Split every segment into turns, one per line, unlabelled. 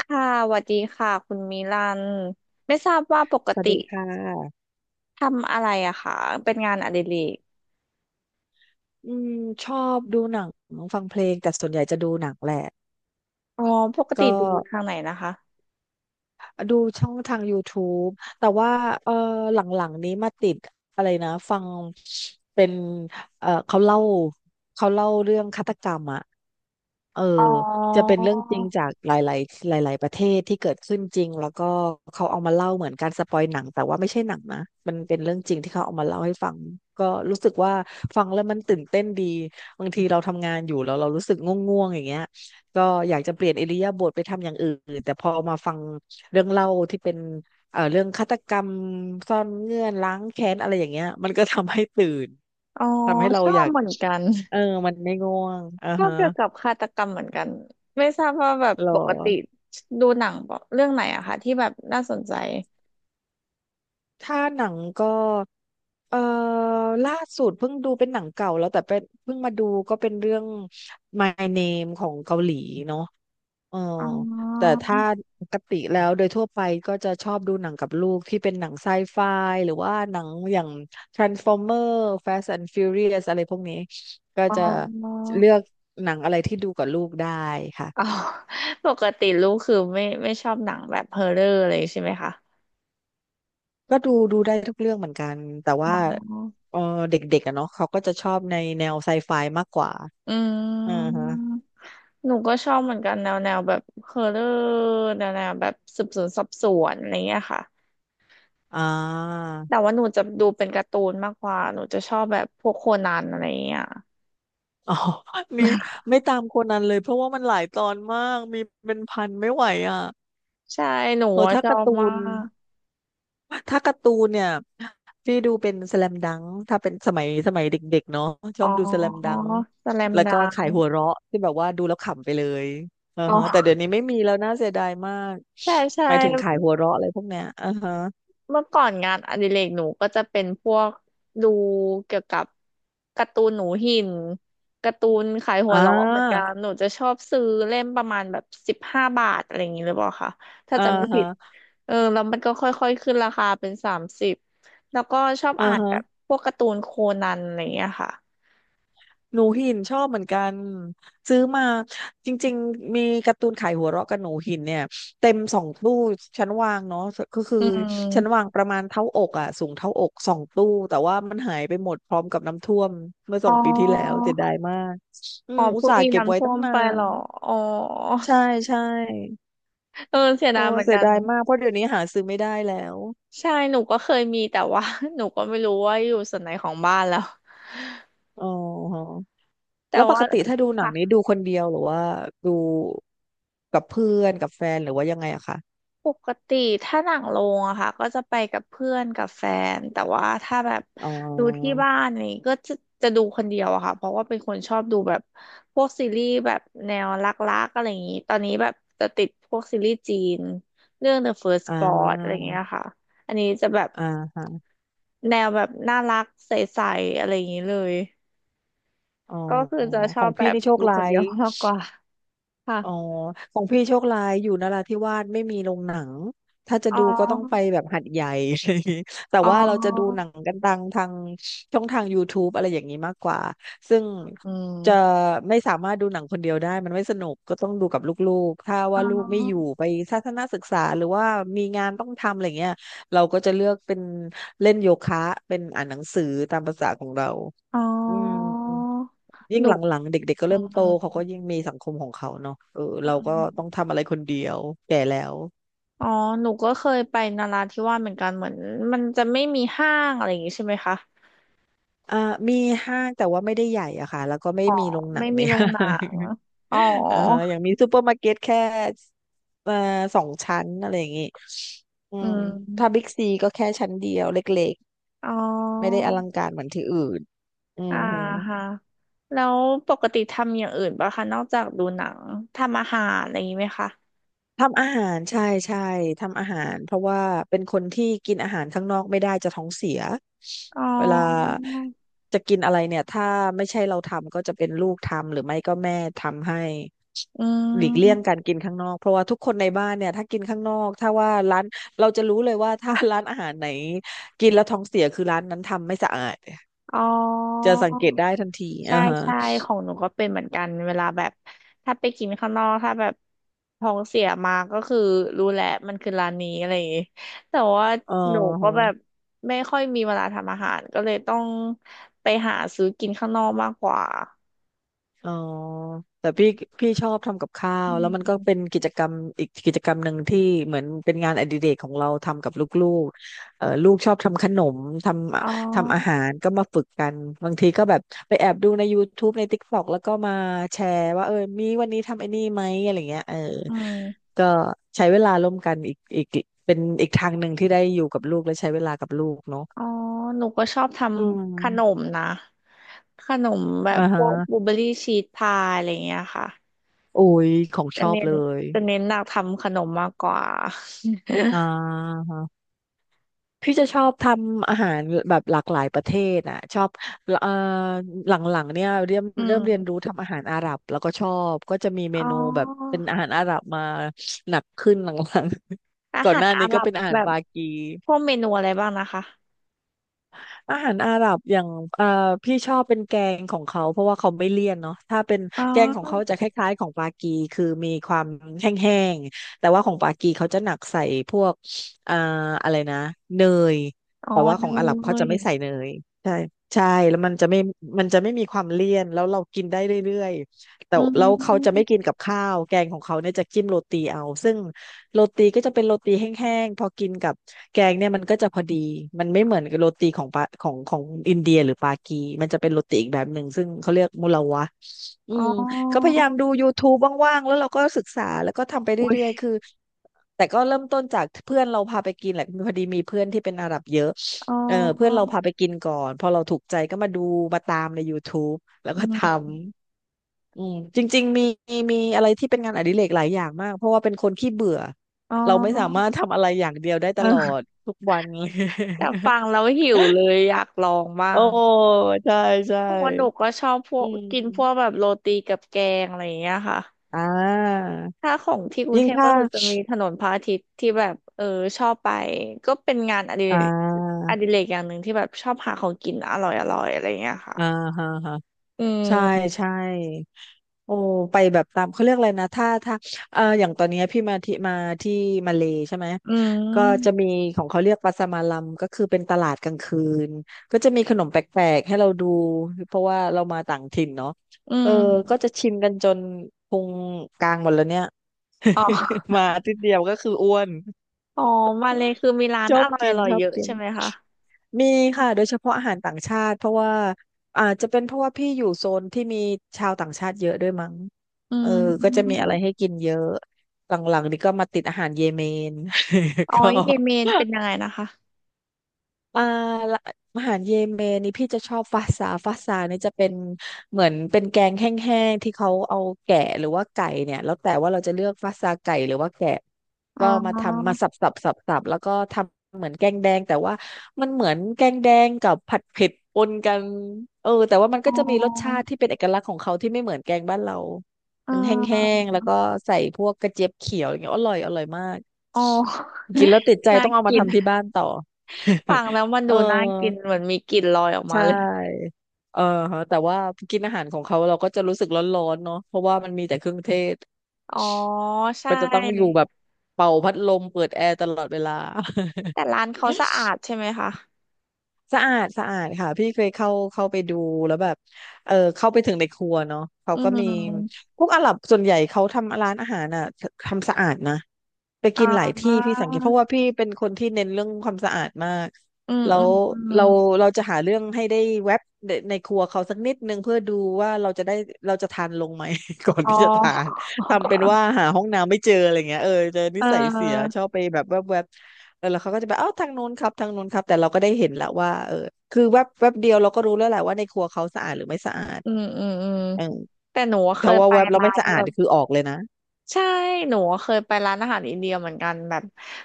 ค่ะสวัสดีค่ะคุณมิลันไม่ทราบว่าปก
สวัส
ติ
ดีค่ะ
ทำอะไรอะคะเป็นงานอดิเรก
อืมชอบดูหนังฟังเพลงแต่ส่วนใหญ่จะดูหนังแหละ
อ๋อปกติ
ก็
ดูทางไหนนะคะ
ดูช่องทางยูทูบแต่ว่าเออหลังๆนี้มาติดอะไรนะฟังเป็นเออเขาเล่าเขาเล่าเรื่องฆาตกรรมอ่ะเออ
อ๋อ
จะเป็นเรื่องจริงจากหลายๆหลายๆประเทศที่เกิดขึ้นจริงแล้วก็เขาเอามาเล่าเหมือนการสปอยหนังแต่ว่าไม่ใช่หนังนะมันเป็นเรื่องจริงที่เขาเอามาเล่าให้ฟังก็รู้สึกว่าฟังแล้วมันตื่นเต้นดีบางทีเราทำงานอยู่แล้วเรารู้สึกง่วงๆอย่างเงี้ยก็อยากจะเปลี่ยนอิริยาบถไปทำอย่างอื่นแต่พอมาฟัง เรื่องเล่าที่เป็นเรื่องฆาตกรรมซ่อนเงื่อนล้างแค้นอะไรอย่างเงี้ยมันก็ทำให้ตื่น
อ๋อ
ทำให้เรา
ชอ
อ
บ
ยาก
เหมือนกัน
เออ มันไม่ง่วงอ่า
ชอบ
ฮะ
เกี่ยวกับฆาตกรรมเหมือนกันไม่ทราบว่าแบบ
หรอ
ปกติดูหนังเรื่องไหนอะคะที่แบบน่าสนใจ
ถ้าหนังก็เอ่อล่าสุดเพิ่งดูเป็นหนังเก่าแล้วแต่เป็นเพิ่งมาดูก็เป็นเรื่อง My Name ของเกาหลีเนาะ เออ
อ๋อ
แต่ถ้าปกติแล้วโดยทั่วไปก็จะชอบดูหนังกับลูกที่เป็นหนังไซไฟหรือว่าหนังอย่าง Transformer Fast and Furious อะไรพวกนี้ก็
อ๋
จะ
อ
เลือกหนังอะไรที่ดูกับลูกได้ค่ะ
อ๋อ ปกติลูกคือไม่ชอบหนังแบบเฮอร์เรอร์เลยใช่ไหมคะ
ก็ดูได้ทุกเรื่องเหมือนกันแต่
อ๋
ว่า
อ
เออเด็กๆอะเนาะเขาก็จะชอบในแนวไซไฟมากกว่า
อื
อ่าฮะ
มหนูก็ชอบเหมือนกันแนวแบบฮอร์เรอร์แนวแบบสืบสวนสอบสวนอะไรเงี้ยค่ะ
อ่า
แต่ว่าหนูจะดูเป็นการ์ตูนมากกว่าหนูจะชอบแบบพวกโคนันอะไรเงี้ย
อ๋อ นี่ ไม่ตามโคนนันเลยเพราะว่ามันหลายตอนมากมีเป็นพันไม่ไหวอ่ะ
ใช่หนู
เออ
อะ
ถ้า
ชอ
การ์
บ
ตู
มา
น
ก
ถ้าการ์ตูนเนี่ยพี่ดูเป็นสแลมดังถ้าเป็นสมัยเด็กๆเนาะชอ
อ๋
บดูสแลม
อ
ดัง
สแลม
แล้ว
ดั
ก็
ง
ขายหัวเราะที่แบบว่าดูแล้วขำไปเลยอือ
อ๋
ฮะแต่
อ
เดี๋ยวนี้ไม่มีแล้วน่าเสียดายมาก
ใช่ใช่
หมายถึงขายหัวเราะอะไรพวกเนี้ยอือฮะ
เมื่อก่อนงานอดิเรกหนูก็จะเป็นพวกดูเกี่ยวกับการ์ตูนหนูหินการ์ตูนขายหั
อ่
วเราะเหมือนกั
า
นหนูจะชอบซื้อเล่มประมาณแบบ15 บาทอะไรอย่างนี้หรือเปล่าคะถ้า
อ่า
จำไม่
ฮะ
ผิดเออแล้วมันก็ค่อยๆขึ้นราคาเป็น30แล้วก็ชอบ
อ่า
อ่านแบบ
ฮะ
พวกการ์ตูนโคนันอะไรอย่างเงี้ยค่ะ
หนูหินชอบเหมือนกันซื้อมาจริงๆมีการ์ตูนขายหัวเราะกับหนูหินเนี่ยเต็มสองตู้ชั้นวางเนาะก็คือ
อื
ชั้นวา
ม
งประมาณเท่าอกอ่ะสูงเท่าอกสองตู้แต่ว่ามันหายไปหมดพร้อมกับน้ำท่วมเมื่อส
อ๋
องปีที่แล้ว
อ
เสียดายมากอื
อ๋อ
มอุต
เพิ่ง
ส่าห์
มี
เก็บ
น้ำ
ไว้
ท่ว
ตั้ง
ม
นา
ไปเหร
น
ออ๋อ
ใช่ใช่
เออเสียดา
โอ้
ยเหมือน
เสี
กั
ย
น
ดายมากเพราะเดี๋ยวนี้หาซื้อไม่ได้แล้ว
ใช่หนูก็เคยมีแต่ว่า หนูก็ไม่รู้ว่าอยู่ส่วนไหนของบ้านแล้ว
อ๋อ
แต่
แล้วป
ว่า
กติถ้าดูหนั
ค่ะ
งนี้ดูคนเดียวหรือว่าดูกับเพื่อนกับแฟนหรือว่ายังไงอะคะ
ปกติถ้าหนังโรงอะค่ะก็จะไปกับเพื่อนกับแฟน แต่ว่าถ้าแบบ
อ๋อ
ดูที่บ้านนี่ก็จะดูคนเดียวอะค่ะเพราะว่าเป็นคนชอบดูแบบพวกซีรีส์แบบแนวรักๆอะไรอย่างนี้ ตอนนี้แบบจะติดพวกซีรีส์จีนเรื่อง The First
อ่า
Spot อะไรอย่างเงี้ยค่ะ อันนี้จะแบบ
อ่าฮะ
แนวแบบน่ารักใสๆอะไรอย่างนี้เลย
อ๋อ
ก็คือจะช
ข
อ
อ
บ
ง
แบ
พี่
บ
นี่โชค
ดูค
ร้า
นเดี
ย
ยวมากกว่าค่ะ
อ๋อของพี่โชคร้ายอยู่นราธิวาสไม่มีโรงหนังถ้าจะ
อ๋
ดูก็ต้องไป
อ
แบบหัดใหญ่ อะไรอย่างงี้แต่
อ๋อ
ว่าเราจะดูหนังกันทางช่องทาง YouTube อะไรอย่างนี้มากกว่าซึ่ง
อื
จะ
ม
ไม่สามารถดูหนังคนเดียวได้มันไม่สนุกก็ต้องดูกับลูกๆถ้า
อ๋
ว่าลูกไม่อยู่
อ
ไปทัศนศึกษาหรือว่ามีงานต้องทำอะไรเงี้ยเราก็จะเลือกเป็นเล่นโยคะเป็นอ่านหนังสือตามภาษาของเรา
อ๋อ
อืม ยิ่
ห
ง
นู
หลังๆเด็กๆก็
อื
เริ่มโตเขาก็
ม
ยิ่งมีสังคมของเขาเนาะ
อื
เราก็ต้อง
ม
ทำอะไรคนเดียวแก่แล้ว
อ๋อหนูก็เคยไปนราธิวาสเหมือนกันเหมือนมันจะไม่มีห้างอะไรอย่างงี้ใช่ไหมคะ
อ่ามีห้างแต่ว่าไม่ได้ใหญ่อะค่ะแล้วก็ไม่
อ๋อ
มีโรงหนั
ไม่
งใน
มีโรง
ห้า
หนัง
ง
อ๋อ
เอ่อ อย่างมีซูเปอร์มาร์เก็ตแค่เอ่อ2 ชั้นอะไรอย่างงี้อื
อื
มถ้า
ม
บิ๊กซีก็แค่ชั้นเดียวเล็ก
อ๋อ
ๆไม่ได้อลังการเหมือนที่อื่นอือ
อ่า
หือ
ฮะแล้วปกติทำอย่างอื่นป่ะคะนอกจากดูหนังทำอาหารอะไรอย่างงี้ไหมคะ
ทำอาหารใช่ใช่ทำอาหารเพราะว่าเป็นคนที่กินอาหารข้างนอกไม่ได้จะท้องเสีย
อ๋อ
เวลาจะกินอะไรเนี่ยถ้าไม่ใช่เราทำก็จะเป็นลูกทำหรือไม่ก็แม่ทำให้
อื
หลีกเลี่ยง
ม
การกินข้างนอกเพราะว่าทุกคนในบ้านเนี่ยถ้ากินข้างนอกถ้าว่าร้านเราจะรู้เลยว่าถ้าร้านอาหารไหนกินแล้วท้องเสียคือร้านนั้นทำไม่สะอาด
อ๋
จะ
อ
สังเกตได้ทันที
ใช่
อ่าฮะ
ใช่ของหนูก็เป็นเหมือนกันเวลาแบบ ถ้าไปกินข้างนอก ถ้าแบบท้องเสียมาก็คือรู้แหละ มันคือร้านนี้อะไรอย่างงี้ แต่ว่า
อ๋อ
หนูก็แบบไม่ค่อยมีเวลาทำอาหาร ก็เลยต้องไปหาซื้อกินข้างนอกมากกว่า
อ๋อแต่พี่ชอบทำกับข้าว
อื
แล้วมันก็เป็
ม
นกิจกรรมอีกกิจกรรมหนึ่งที่เหมือนเป็นงานอดิเรกของเราทำกับลูกๆลูกชอบทำขนมท
อ๋
ทำอาหา
อ
รก็มาฝึกกันบางทีก็แบบไปแอบดูใน YouTube ใน TikTok แล้วก็มาแชร์ว่ามีวันนี้ทำไอ้นี่ไหมอะไรเงี้ย
อืม
ก็ใช้เวลาร่วมกันอีกเป็นอีกทางหนึ่งที่ได้อยู่กับลูกและใช้เวลากับลูกเนาะ
อ๋อหนูก็ชอบท
อื
ำขน
ม
มนะขนมแบบ
อ่า
พ
ฮะ
วกบลูเบอรี่ชีสพายอะไรอย่างเงี้ยค่ะ
โอ้ยของช
จะ
อบ
เน้น
เลย
จะเน้นหนักทำขนมมากกว่า
อ่า พี่จะชอบทำอาหารแบบหลากหลายประเทศอ่ะชอบเอ่อหลังๆเนี่ยเริ่ม
อื
เริ่มเรียนรู้
ม
ทำอาหารอาหรับแล้วก็ชอบก็จะมีเม
อ๋
นูแบบเป็
อ
นอาหารอาหรับมาหนักขึ้นหลังๆ
อา
ก่อน
หา
ห
ร
น้า
อา
นี้
ห
ก็
รับ
เป็นอาหา
แบ
ร
บ
ปากี
พวกเมนูอะไรบ้างนะคะ
อาหารอาหรับอย่างเอ่อพี่ชอบเป็นแกงของเขาเพราะว่าเขาไม่เลี่ยนเนาะถ้าเป็น
อ๋
แกงของ
อ
เขาจะคล้ายๆของปากีคือมีความแห้งๆแต่ว่าของปากีเขาจะหนักใส่พวกเอ่ออะไรนะเนย
อ๋อ
ว่า
เน
ของอาหรับเขาจะ
ย
ไม่ใส่เนยใช่ใช่แล้วมันจะไม่มันจะไม่มีความเลี่ยนแล้วเรากินได้เรื่อยๆแต่
อื
แล้วเขาจะไม่
ม
กินกับข้าวแกงของเขาเนี่ยจะจิ้มโรตีเอาซึ่งโรตีก็จะเป็นโรตีแห้งๆพอกินกับแกงเนี่ยมันก็จะพอดีมันไม่เหมือนกับโรตีของปาของของอินเดียหรือปากีมันจะเป็นโรตีอีกแบบหนึ่งซึ่งเขาเรียกมุลาวะอื
อ๋
ม ก็พ
อ
ยายามดู YouTube ว่างๆแล้วเราก็ศึกษาแล้วก็ทำไป
อุ้ย
เรื่อยๆคือแต่ก็เริ่มต้นจากเพื่อนเราพาไปกินแหละพอดีมีเพื่อนที่เป็นอาหรับเยอะ
อ๋อ
เออเพื่อนเราพาไปกินก่อนพอเราถูกใจก็มาดูมาตามใน YouTube แล้ว
อื
ก็ท
ม
ำอืมจริงๆมีมีอะไรที่เป็นงานอดิเรกหลายอย่างมากเพราะว่าเป็นคนขี้เบื่อ
อ๋
เราไม่สามา
อ
รถทำอะไรอย่างเดียวได้ตลอด
เออ
ทุกวัน เลย
แต่ฟังแล้ วหิวเลยอยากลองบ้า
โอ้
ง
ใช่ใช่
เพราะว่าหนูก็ชอบพว
อื
กกินพวกแบ
ม
บโรตีกับแกงอะไรอย่างเงี้ยค่ะ
อ่า
ถ้าของที่กรุง
ยิ่ง
เทพก็
ถ้า
คือจะมีถนนพระอาทิตย์ที่แบบเออชอบไปก็เป็นงานอดิเร
อ่
ก
า
อย่างหนึ่งที่แบบชอบหาของกินอร่อยอร่อยอะไรอย่างเงี้ยค่ะ
อ่าฮะฮะ
อื
ใช่
ม
ใช่โอ้ไปแบบตามเขาเรียกอะไรนะถ้าถ้าเอออย่างตอนเนี้ยพี่มาที่มาที่มาเลใช่ไหม
อื
ก็จะ
ม
มีของเขาเรียกปาสมาลัมก็คือเป็นตลาดกลางคืนก็จะมีขนมแปลกๆให้เราดูเพราะว่าเรามาต่างถิ่นเนาะ
อื
เออ
ม
ก็จะชิมกันจนพุงกลางหมดแล้วเนี่ย
อ๋ อ
มาอาทิตย์เดียวก็คืออ้วน
อ๋อมาเลยคือมีร้าน
ชอ
อ
บ
ร่อย
กิ
อ
น
ร่อย
ชอ
เย
บ
อะ
กิน
ใช่ไหมคะ
มีค่ะโดยเฉพาะอาหารต่างชาติเพราะว่าอาจจะเป็นเพราะว่าพี่อยู่โซนที่มีชาวต่างชาติเยอะด้วยมั้ง
อื
เออก็จะมี
ม
อะไรให้กินเยอะหลังๆนี่ก็มาติดอาหารเยเมน
อ๋ อ
ก็
เยเมนเป็นยังไงนะคะ
อ่าละอาหารเยเมนนี่พี่จะชอบฟาซาฟาซาเนี่ยจะเป็นเหมือนเป็นแกงแห้งๆที่เขาเอาแกะหรือว่าไก่เนี่ยแล้วแต่ว่าเราจะเลือกฟาซาไก่หรือว่าแกะ
อ๋
ก็มาทำมา
อ
สับสับสับสับแล้วก็ทำเหมือนแกงแดงแต่ว่ามันเหมือนแกงแดงกับผัดเผ็ดปนกันเออแต่ว่ามัน
อ๋
ก็จะมีรสชา
อ
ติที่เป็นเอกลักษณ์ของเขาที่ไม่เหมือนแกงบ้านเรา
อ๋ อ
มันแห้งๆแล้วก็ใส่พวกกระเจี๊ยบเขียวอย่างเงี้ยอร่อยอร่อยมาก
อ๋อ
กินแล้วติดใจ
น่า
ต้องเอามา
กิน
ทำที่บ้านต่อ
ฟังแล้วมัน
เอ
ดู
อ
น่ากินเหมือนมีกลิ่นลอยออก
ใช
มาเลย
่เออฮะแต่ว่ากินอาหารของเขาเราก็จะรู้สึกร้อนๆเนาะเพราะว่ามันมีแต่เครื่องเทศ
อ๋อใช
ก็จะต้องอยู่
่
แบบเป่าพัดลมเปิดแอร์ตลอดเวลา
แต่ร้านเขาสะอาด ใช่ไหมคะ
สะอาดสะอาดค่ะพี่เคยเข้าไปดูแล้วแบบเออเข้าไปถึงในครัวเนาะเขา
อื
ก็มี
ม
พวกอาหรับส่วนใหญ่เขาทำร้านอาหารอ่ะทำสะอาดนะไป
อ่
กินหลายที่พี่
า
สังเกตเพราะว่าพี่เป็นคนที่เน้นเรื่องความสะอาดมาก
อืม
แล้
อื
ว
มอื
เรา
ม
เราจะหาเรื่องให้ได้แวบในครัวเขาสักนิดนึงเพื่อดูว่าเราจะได้เราจะทานลงไหม ก่อน
อ๋อ
ที่จะทาน ทำเป็นว่าหาห้องน้ำไม่เจออะไรเงี้ยเออเจอ
เ
นิสัยเสีย
ออ
ชอบไปแบบแวบแวบเออแล้วเขาก็จะไปเอ้าทางนู้นครับทางนู้นครับแต่เราก็ได้เห็นแล้วว่าเออคือแวบแวบเดียวเราก็รู้แล้วแหละว่าในครัวเขาสะอาดหรือไม่สะอาด
อืมอืมอืม
เออ
แต่หนูเค
ถ้า
ย
ว่า
ไป
แวบเรา
ร้า
ไม่
น
สะ
แบ
อาด
บ
คือออกเลยนะ
ใช่หนูเคยไปร้านอาหารอินเดียเหมือนกันแบบ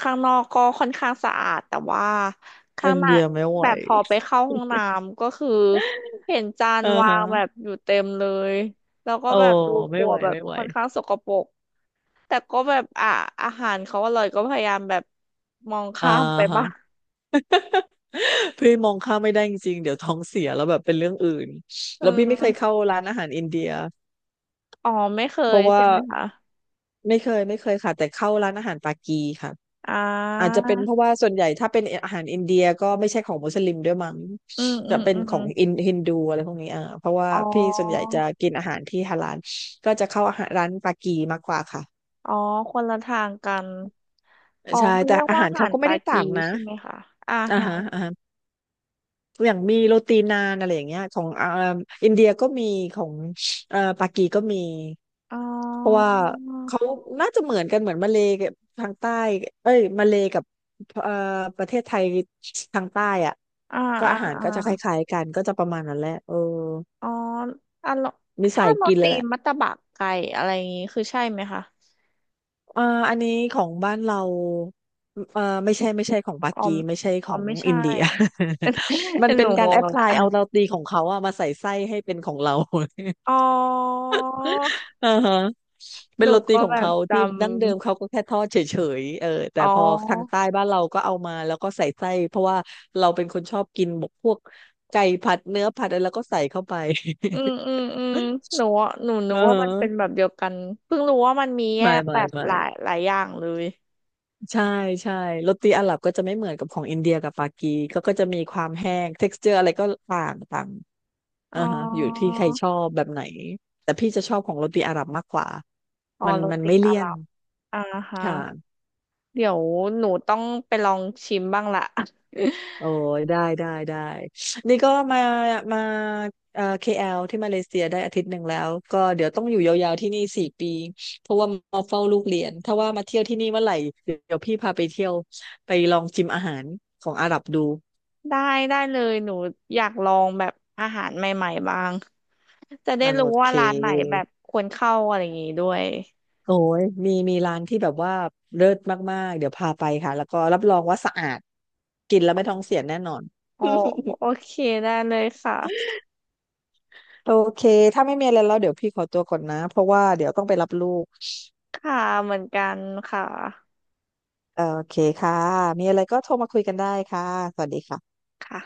ข้างนอกก็ค่อนข้างสะอาดแต่ว่าข้า
อิ
ง
น
ใน
เดียไม่ไหว
แบบพอไปเข้าห้องน้ำก็คือเห็นจาน
เออ
วา
ฮะ
งแบบอยู่เต็มเลยแล้วก็
โอ้
แบบดูค
ไม่
รัว
ไหว
แบบ
ไม่ไหว
ค่อนข้างสกปรก แต่ก็แบบอ่ะอาหารเขาอร่อยก็พยายามแบบมอง
อ่า
ข้ามไปบ้าง
ฮะพี่มองข้ามไม่ได้จริงๆเดี๋ยวท้องเสียแล้วแบบเป็นเรื่องอื่น
เอ
แล้วพี่ไม่เคย
อ
เข้าร้านอาหารอินเดีย
อ๋อไม่เค
เพ
ย
ราะ
ใช่
ว่า
ไหมคะ
ไม่เคยไม่เคยค่ะแต่เข้าร้านอาหารปากีค่ะ
อ่
อาจจะ
า
เป็นเพราะว่าส่วนใหญ่ถ้าเป็นอาหารอินเดียก็ไม่ใช่ของมุสลิมด้วยมั้ง
อืมอื
จะ
ม
เป็น
อื
ข
ม
องอินฮินดูอะไรพวกนี้อ่าเพราะว่า
อ๋อ
พี่ส่วนใหญ่จะกินอาหารที่ฮาลาลก็จะเข้าอาหารร้านปากีมากกว่าค่ะ
อ๋อคนละทางกันอ๋อ
ใช่
เขา
แต่
เรียก
อา
ว่า
หาร
อาหา
เขา
ร
ก็ไม่
ปา
ได้
กี
ต่างนะ
ใช่ไหมคะอา
อ่า
หา
ฮะ
ร
อ่าฮะ อย่างมีโรตีนานอะไรอย่างเงี้ยของเอ่าอินเดียก็มีของปากีก็มี
อ๋อ
เพราะว่าเขาน่าจะเหมือนกันเหมือนมาเลย์กับทางใต้เอ้ยมาเลย์กับเอ่อประเทศไทยทางใต้อ่ะ
อ่า
ก็
อ่า
อาหาร
อ่า
ก็จะคล้ายๆกันก็จะประมาณนั้นแหละเออ
อ๋ออ่ะโร
มี
ถ้า
สาย
โร
กินเล
ตี
ยแหละ
มัตตบะไก่อะไรอย่างงี้คือใช่ไหมคะ
เอ่ออันนี้ของบ้านเราไม่ใช่ไม่ใช่ของปา
อ๋อ
กีไม่ใช่ข
อ๋
อ
อ
ง
ไม่
อิ
ใช่
นเดีย มัน
ห
เป็
นู
นกา
ง
รแอ
ง
พพลาย
ละ
เอาโรตีของเขาอะมาใส่ไส้ให้เป็นของเรา
อ๋อ
อ่าฮะ
ห
เป็น
นู
โรตี
ก็
ขอ
แบ
ง
บ
เขาที่
จำ
ดั้งเดิมเขาก็แค่ทอดเฉยๆเออแต่
อ๋
พอทาง
อ
ใต้บ้านเราก็เอามาแล้วก็ใส่ไส้เพราะว่าเราเป็นคนชอบกินบกพวกไก่ผัดเนื้อผัดอะไรแล้วก็ใส่เข้าไป
อืมอื มอืมหนูอะหนู
เ
นึกว่ามันเป็น
ออ
แบบเดียวกันเพิ่งรู้ว่ามันมีแย
ไม่
กแบ
ไม่
บ
ไม่
หลายอย่างเลย
ใช่ใช่โรตีอาหรับก็จะไม่เหมือนกับของอินเดียกับปากีก็ก็จะมีความแห้ง texture อร์อะไรก็ต่างต่าง
อ๋
อ่าฮะอยู่ที่
อ
ใครชอบแบบไหน แต่พี่จะชอบของโรตีอาหรับมากกว่า
อ๋อ
มัน
โร
มัน
ตี
ไม่
อา
เลี่
ห
ยน
รับอ่าฮะ
ค่ะ
เดี๋ยวหนูต้องไปลองชิมบ้างละ
โอ้ยได้ได้ได้นี่ก็มามาk ลที่มาเลเซียได้1 อาทิตย์แล้วก็เดี๋ยวต้องอยู่ยาวๆที่นี่4 ปีเพราะว่ามาเฝ้าลูกเรียนถ้าว่ามาเที่ยวที่นี่เมื่อไหร่เดี๋ยวพี่พาไปเที่ยวไปลองชิมอาหารของอาหรับดู
ได้ได้เลยหนูอยากลองแบบอาหารใหม่ๆบ้างจะได้
อ่ะโอ
รู้
เค
ว่าร้านไหนแบบควรเข้าอะไรอย่างงี้ด้วย
โอ้ยมีมีร้านที่แบบว่าเลิศมากๆเดี๋ยวพาไปค่ะแล้วก็รับรองว่าสะอาดกินแล้วไม่ท้องเสียแน่นอน
โอโอ เคได้เลยค่ะ
โอเคถ้าไม่มีอะไรแล้วเดี๋ยวพี่ขอตัวก่อนนะเพราะว่าเดี๋ยวต้องไปรับลูก
ค่ะเหมือนกันค่ะ
โอเคค่ะ มีอะไรก็โทรมาคุยกันได้ค่ะ สวัสดีค่ะ
ค่ะ